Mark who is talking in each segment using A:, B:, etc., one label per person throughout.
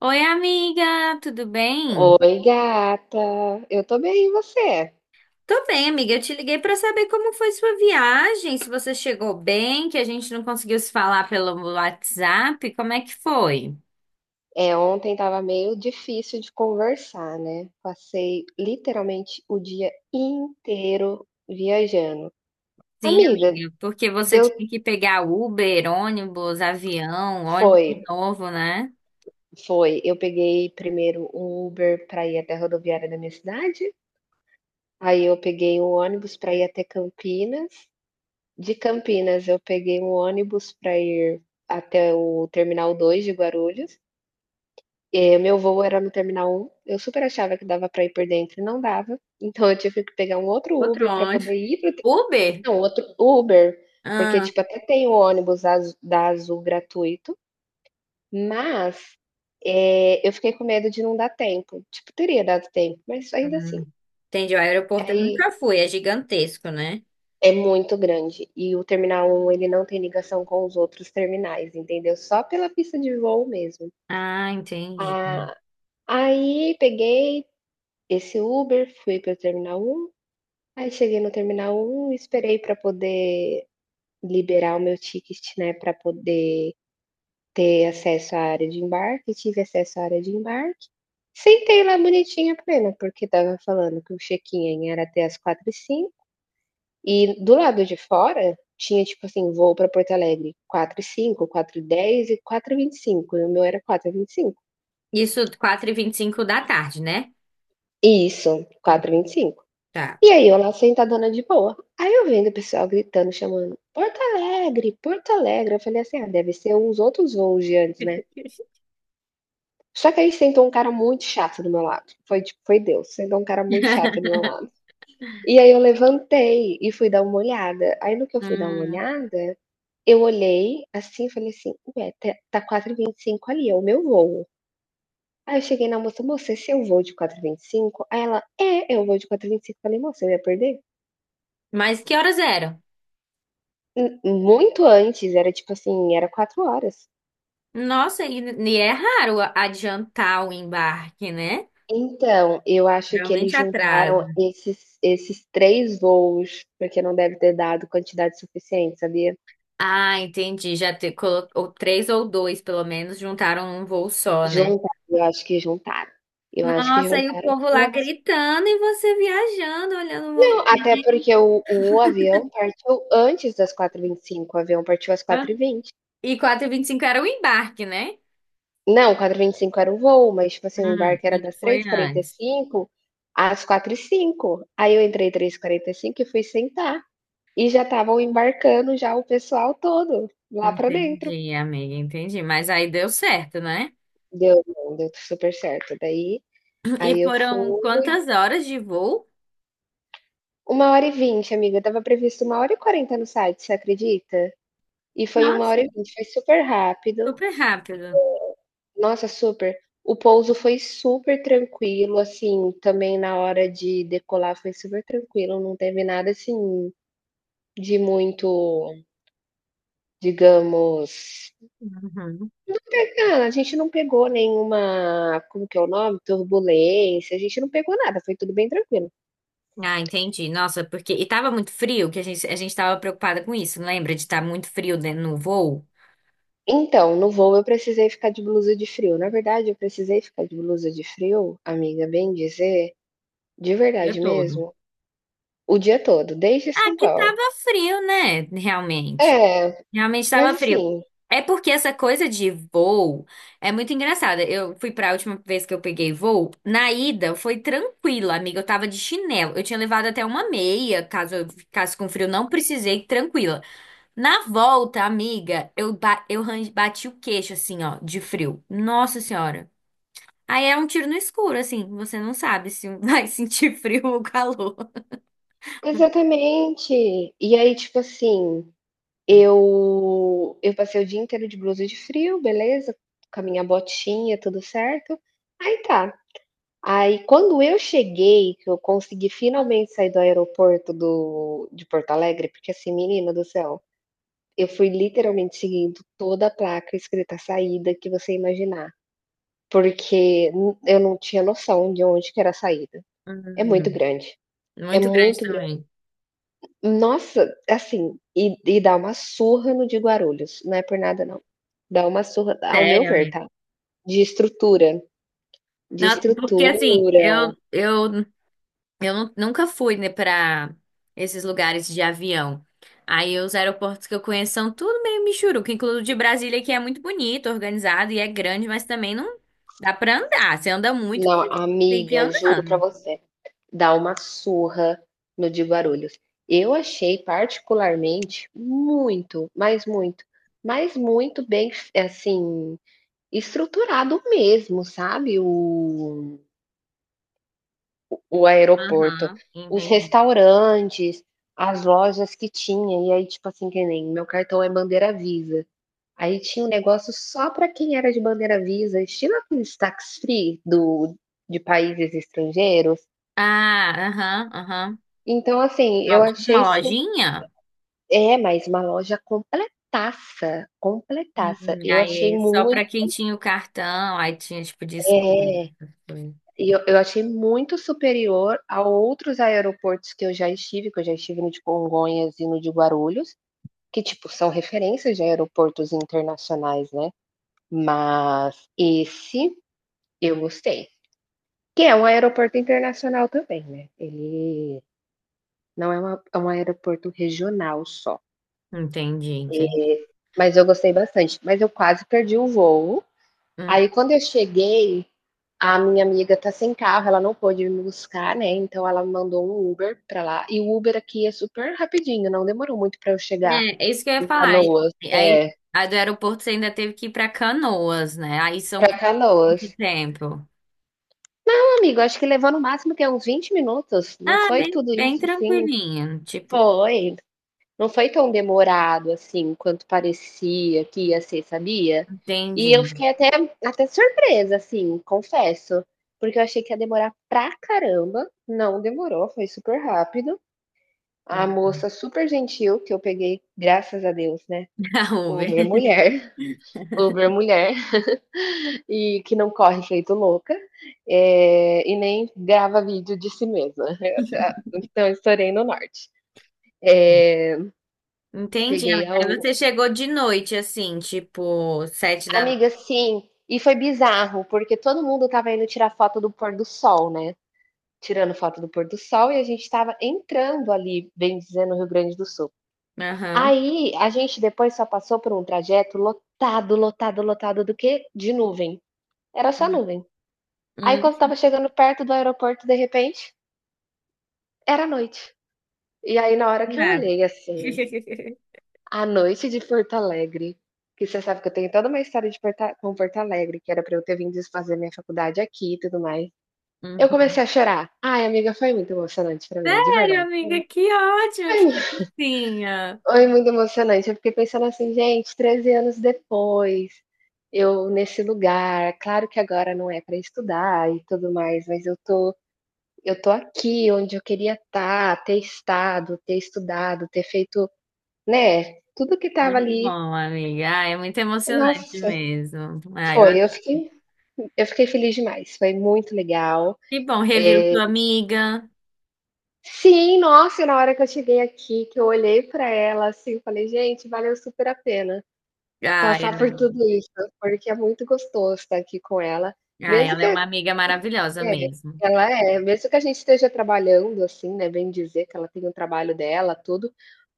A: Oi, amiga, tudo bem?
B: Oi, gata. Eu tô bem, e você?
A: Tô bem, amiga. Eu te liguei pra saber como foi sua viagem, se você chegou bem, que a gente não conseguiu se falar pelo WhatsApp. Como é que foi?
B: Ontem tava meio difícil de conversar, né? Passei literalmente o dia inteiro viajando.
A: Sim,
B: Amiga,
A: amiga, porque você
B: deu
A: tinha que pegar Uber, ônibus, avião, ônibus
B: foi,
A: de novo, né?
B: foi. Eu peguei primeiro um Uber pra ir até a rodoviária da minha cidade, aí eu peguei um ônibus pra ir até Campinas. De Campinas eu peguei um ônibus pra ir até o Terminal 2 de Guarulhos. Meu voo era no terminal um, eu super achava que dava para ir por dentro e não dava, então eu tive que pegar um outro
A: Outro
B: Uber para
A: ônibus?
B: poder ir para
A: Uber?
B: não, outro Uber, porque,
A: Ah,
B: tipo, até tem o ônibus azu da Azul gratuito, mas, eu fiquei com medo de não dar tempo, tipo, teria dado tempo, mas ainda assim,
A: hum. Entendi. O aeroporto eu
B: aí
A: nunca fui, é gigantesco, né?
B: é muito grande e o terminal um ele não tem ligação com os outros terminais, entendeu, só pela pista de voo mesmo.
A: Ah, entendi.
B: Ah, Aí peguei esse Uber, fui para o terminal um. Aí cheguei no terminal 1, esperei para poder liberar o meu ticket, né, para poder ter acesso à área de embarque, tive acesso à área de embarque, sentei lá bonitinha plena, porque estava falando que o check-in era até as 4h05, e do lado de fora tinha, tipo assim, voo para Porto Alegre 4h05, 4h10 e 4h25. E o meu era 4h25.
A: Isso 4:25 da tarde, né?
B: Isso,
A: Hum.
B: 4h25.
A: Tá.
B: E aí eu lá sentadona de boa. Aí eu vendo o pessoal gritando, chamando: "Porto Alegre, Porto Alegre". Eu falei assim: "Ah, deve ser uns outros voos de antes, né". Só que aí sentou um cara muito chato do meu lado, foi tipo foi Deus, sentou um cara muito chato do meu lado. E aí eu levantei e fui dar uma olhada. Aí no que eu fui dar uma
A: Hum,
B: olhada, eu olhei assim e falei assim: "Ué, tá 4h25 ali, é o meu voo". Aí eu cheguei na moça: "Moça, esse é o voo de 4h25?" Aí ela: "É, é o voo de 4h25". Falei: "Moça, eu ia perder?"
A: mas que horas eram?
B: Muito antes, era tipo assim, era 4 horas.
A: Nossa, e é raro adiantar o embarque, né?
B: Então, eu acho que eles
A: Geralmente
B: juntaram
A: atrasa.
B: esses 3 voos, porque não deve ter dado quantidade suficiente, sabia?
A: Ah, entendi. Já te, colocou três ou dois, pelo menos, juntaram num voo só, né?
B: Juntaram, eu acho que juntaram. Eu acho que
A: Nossa, e o
B: juntaram.
A: povo
B: Não
A: lá
B: é possi,
A: gritando e você viajando, olhando o
B: não, até
A: movimento.
B: porque o avião partiu antes das 4h25, o avião partiu às 4h20.
A: E 4:25 era o embarque, né?
B: Não, 4h25 era o voo, mas tipo assim, o
A: Hum,
B: embarque era
A: isso
B: das
A: foi
B: três e quarenta e
A: antes.
B: cinco às 4h05. Aí eu entrei 3h45 e fui sentar. E já estavam embarcando já o pessoal todo lá pra dentro.
A: Entendi, amiga, entendi. Mas aí deu certo, né?
B: Deu bom, deu super certo. Daí,
A: E
B: aí eu
A: foram
B: fui
A: quantas horas de voo?
B: 1h20, amiga. Tava previsto 1h40 no site, você acredita? E foi uma
A: Nossa,
B: hora e vinte, foi super rápido.
A: super rápido.
B: Nossa, super. O pouso foi super tranquilo, assim, também na hora de decolar foi super tranquilo, não teve nada, assim, de muito, digamos.
A: Uhum.
B: Cara, a gente não pegou nenhuma, como que é o nome? Turbulência, a gente não pegou nada, foi tudo bem tranquilo.
A: Ah, entendi. Nossa, porque. E tava muito frio, que a gente tava preocupada com isso, não lembra? De estar muito frio dentro no voo? O
B: Então, no voo eu precisei ficar de blusa de frio. Na verdade, eu precisei ficar de blusa de frio, amiga, bem dizer, de
A: dia
B: verdade
A: todo.
B: mesmo, o dia todo, desde
A: Ah,
B: São
A: que
B: Paulo.
A: tava frio, né? Realmente.
B: É,
A: Realmente
B: mas
A: tava frio.
B: assim,
A: É porque essa coisa de voo é muito engraçada. Eu fui pra última vez que eu peguei voo, na ida foi tranquila, amiga. Eu tava de chinelo. Eu tinha levado até uma meia, caso eu ficasse com frio, não precisei, tranquila. Na volta, amiga, eu bati o queixo, assim, ó, de frio. Nossa senhora. Aí é um tiro no escuro, assim. Você não sabe se vai sentir frio ou calor.
B: exatamente. E aí, tipo assim, eu eu passei o dia inteiro de blusa de frio, beleza, com a minha botinha, tudo certo. Aí tá, aí, quando eu cheguei, que eu consegui finalmente sair do aeroporto do de Porto Alegre, porque assim, menina do céu, eu fui literalmente seguindo toda a placa escrita saída que você imaginar, porque n eu não tinha noção de onde que era a saída.
A: Hum,
B: É muito grande, é
A: muito grande
B: muito grande.
A: também.
B: Nossa, assim, e dá uma surra no de Guarulhos, não é por nada não. Dá uma surra, ao meu
A: Sério,
B: ver,
A: amiga.
B: tá, de estrutura, de
A: Não, porque, assim,
B: estrutura.
A: eu nunca fui, né, pra esses lugares de avião. Aí os aeroportos que eu conheço são tudo meio michuruca, incluindo o de Brasília, que é muito bonito, organizado e é grande, mas também não dá pra andar. Você anda muito,
B: Não,
A: mas tem que ir
B: amiga, juro pra
A: andando.
B: você. Dar uma surra no de Guarulhos. Eu achei particularmente muito, mas muito, mas muito bem, assim, estruturado mesmo, sabe? O aeroporto,
A: Aham,
B: os
A: entendi.
B: restaurantes, as lojas que tinha, e aí, tipo assim, que nem meu cartão é bandeira Visa. Aí tinha um negócio só para quem era de bandeira Visa, estilo aqueles tax free do, de países estrangeiros.
A: Ah, aham, aham.
B: Então, assim, eu achei
A: Alguma
B: isso.
A: lojinha?
B: É, mas uma loja completaça, completaça.
A: Uhum,
B: Eu achei
A: aí só
B: muito,
A: pra quem tinha o cartão, aí tinha tipo desconto.
B: é,
A: Essas coisas.
B: e eu achei muito superior a outros aeroportos que eu já estive, que eu já estive no de Congonhas e no de Guarulhos, que, tipo, são referências de aeroportos internacionais, né. Mas esse eu gostei, que é um aeroporto internacional também, né, ele não é uma é um aeroporto regional só,
A: Entendi, entendi.
B: mas eu gostei bastante. Mas eu quase perdi o voo.
A: Hum.
B: Aí quando eu cheguei, a minha amiga tá sem carro, ela não pôde me buscar, né, então ela mandou um Uber pra lá, e o Uber aqui é super rapidinho, não demorou muito pra eu chegar
A: É, é isso que eu ia
B: em
A: falar.
B: Canoas.
A: Aí,
B: É,
A: a do aeroporto você ainda teve que ir pra Canoas, né? Aí são
B: pra
A: quanto
B: Canoas.
A: tempo?
B: Não, amigo, acho que levou no máximo que uns 20 minutos, não
A: Ah,
B: foi
A: bem,
B: tudo
A: bem
B: isso, assim.
A: tranquilinho. Tipo,
B: Foi. Não foi tão demorado, assim, quanto parecia que ia ser, sabia? E eu
A: entendi.
B: fiquei até até surpresa, assim, confesso, porque eu achei que ia demorar pra caramba, não demorou, foi super rápido. A moça super gentil, que eu peguei, graças a Deus, né,
A: Da
B: Uber
A: Uber.
B: mulher, Uber mulher, e que não corre feito louca, e nem grava vídeo de si mesma. Então estourei no norte. Eh,
A: Entendi,
B: Peguei
A: amiga.
B: a u
A: Aí você chegou de noite, assim, tipo, 7 da noite.
B: amiga, sim. E foi bizarro, porque todo mundo estava indo tirar foto do pôr do sol, né? Tirando foto do pôr do sol e a gente estava entrando ali, bem dizendo, no Rio Grande do Sul.
A: Aham.
B: Aí a gente depois só passou por um trajeto lotado, lotado, lotado do quê? De nuvem. Era só nuvem. Aí
A: Hum.
B: quando tava chegando perto do aeroporto, de repente, era noite. E aí na hora que eu
A: Nada.
B: olhei assim, a noite de Porto Alegre, que você sabe que eu tenho toda uma história de Porta- com Porto Alegre, que era pra eu ter vindo fazer minha faculdade aqui e tudo mais.
A: Hum,
B: Eu comecei a chorar. Ai, amiga, foi muito emocionante pra mim, de
A: Sério,
B: verdade.
A: amiga, que ótimo,
B: Foi
A: que
B: mu,
A: gracinha.
B: foi muito emocionante, eu fiquei pensando assim: "Gente, 13 anos depois, eu nesse lugar, claro que agora não é pra estudar e tudo mais, mas eu tô aqui onde eu queria estar, ter estado, ter estudado, ter feito", né, tudo que tava
A: Muito
B: ali.
A: bom, amiga. Ah, é muito emocionante
B: Nossa,
A: mesmo.
B: foi, eu fiquei feliz demais, foi muito legal.
A: Que bom, reviu
B: Eh
A: sua amiga.
B: Sim, nossa, e na hora que eu cheguei aqui, que eu olhei pra ela, assim, eu falei: "Gente, valeu super a pena
A: Ah,
B: passar por tudo isso", porque é muito gostoso estar aqui com ela,
A: ai
B: mesmo
A: ela
B: que
A: é
B: é,
A: uma amiga maravilhosa mesmo.
B: ela é, mesmo que a gente esteja trabalhando, assim, né, bem dizer que ela tem o trabalho dela, tudo,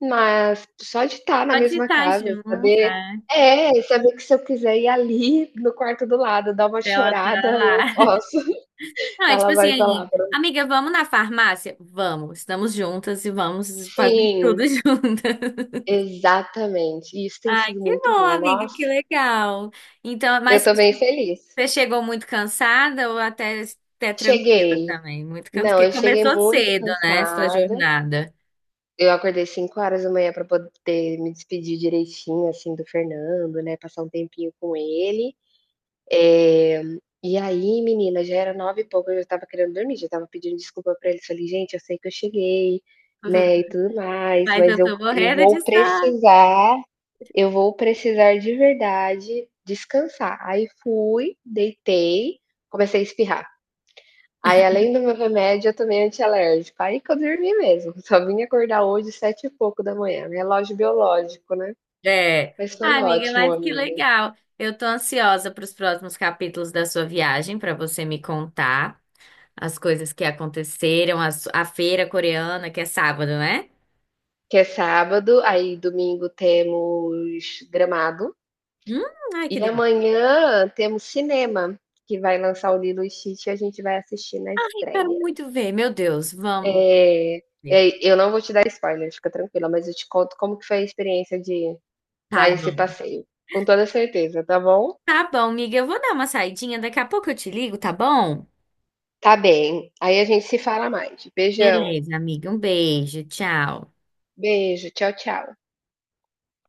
B: mas só de estar na
A: Só de
B: mesma
A: estar
B: casa,
A: junto,
B: saber
A: né?
B: é, saber que se eu quiser ir ali no quarto do lado, dar uma
A: Ela tá
B: chorada, eu
A: lá.
B: posso,
A: Não, é tipo
B: ela
A: assim,
B: vai estar lá pra
A: amiga, vamos na farmácia? Vamos, estamos juntas e vamos fazer tudo
B: sim.
A: juntas.
B: Exatamente, e isso tem
A: Ai,
B: sido
A: que
B: muito
A: bom,
B: bom.
A: amiga,
B: Nossa,
A: que legal. Então,
B: eu
A: mas
B: tô bem feliz.
A: você chegou muito cansada ou até tranquila
B: Cheguei.
A: também? Muito cansada,
B: Não, eu
A: porque
B: cheguei
A: começou
B: muito
A: cedo, né, essa
B: cansada,
A: jornada.
B: eu acordei 5 horas da manhã para poder me despedir direitinho, assim, do Fernando, né, passar um tempinho com ele. E aí, menina, já era 9 e pouco, eu já estava querendo dormir, já estava pedindo desculpa pra eles, falei: "Gente, eu sei que eu cheguei, né, e tudo mais,
A: Mas
B: mas
A: eu
B: eu
A: tô
B: eu
A: morrendo
B: vou
A: de sono.
B: precisar". Eu vou precisar de verdade descansar. Aí fui, deitei, comecei a espirrar. Aí, além do meu remédio, eu tomei antialérgico. Aí que eu dormi mesmo. Só vim acordar hoje sete e pouco da manhã. Relógio biológico, né?
A: É.
B: Mas
A: Ah,
B: foi
A: amiga,
B: ótimo,
A: mas que
B: amiga.
A: legal. Eu tô ansiosa para os próximos capítulos da sua viagem, para você me contar as coisas que aconteceram, a, a feira coreana, que é sábado, né?
B: Que é sábado, aí domingo temos Gramado.
A: Hum, ai, que
B: E
A: delícia.
B: amanhã temos cinema, que vai lançar o Lilo e Stitch e a gente vai assistir na
A: Ai, quero
B: estreia.
A: muito ver. Meu Deus, vamos
B: É,
A: ver.
B: É, eu não vou te dar spoiler, fica tranquila, mas eu te conto como que foi a experiência de
A: Tá
B: dar esse
A: bom.
B: passeio. Com toda certeza, tá bom?
A: Tá bom, amiga, eu vou dar uma saidinha, daqui a pouco eu te ligo, tá bom?
B: Tá bem. Aí a gente se fala mais. Beijão.
A: Beleza, amiga. Um beijo. Tchau.
B: Beijo. Tchau, tchau.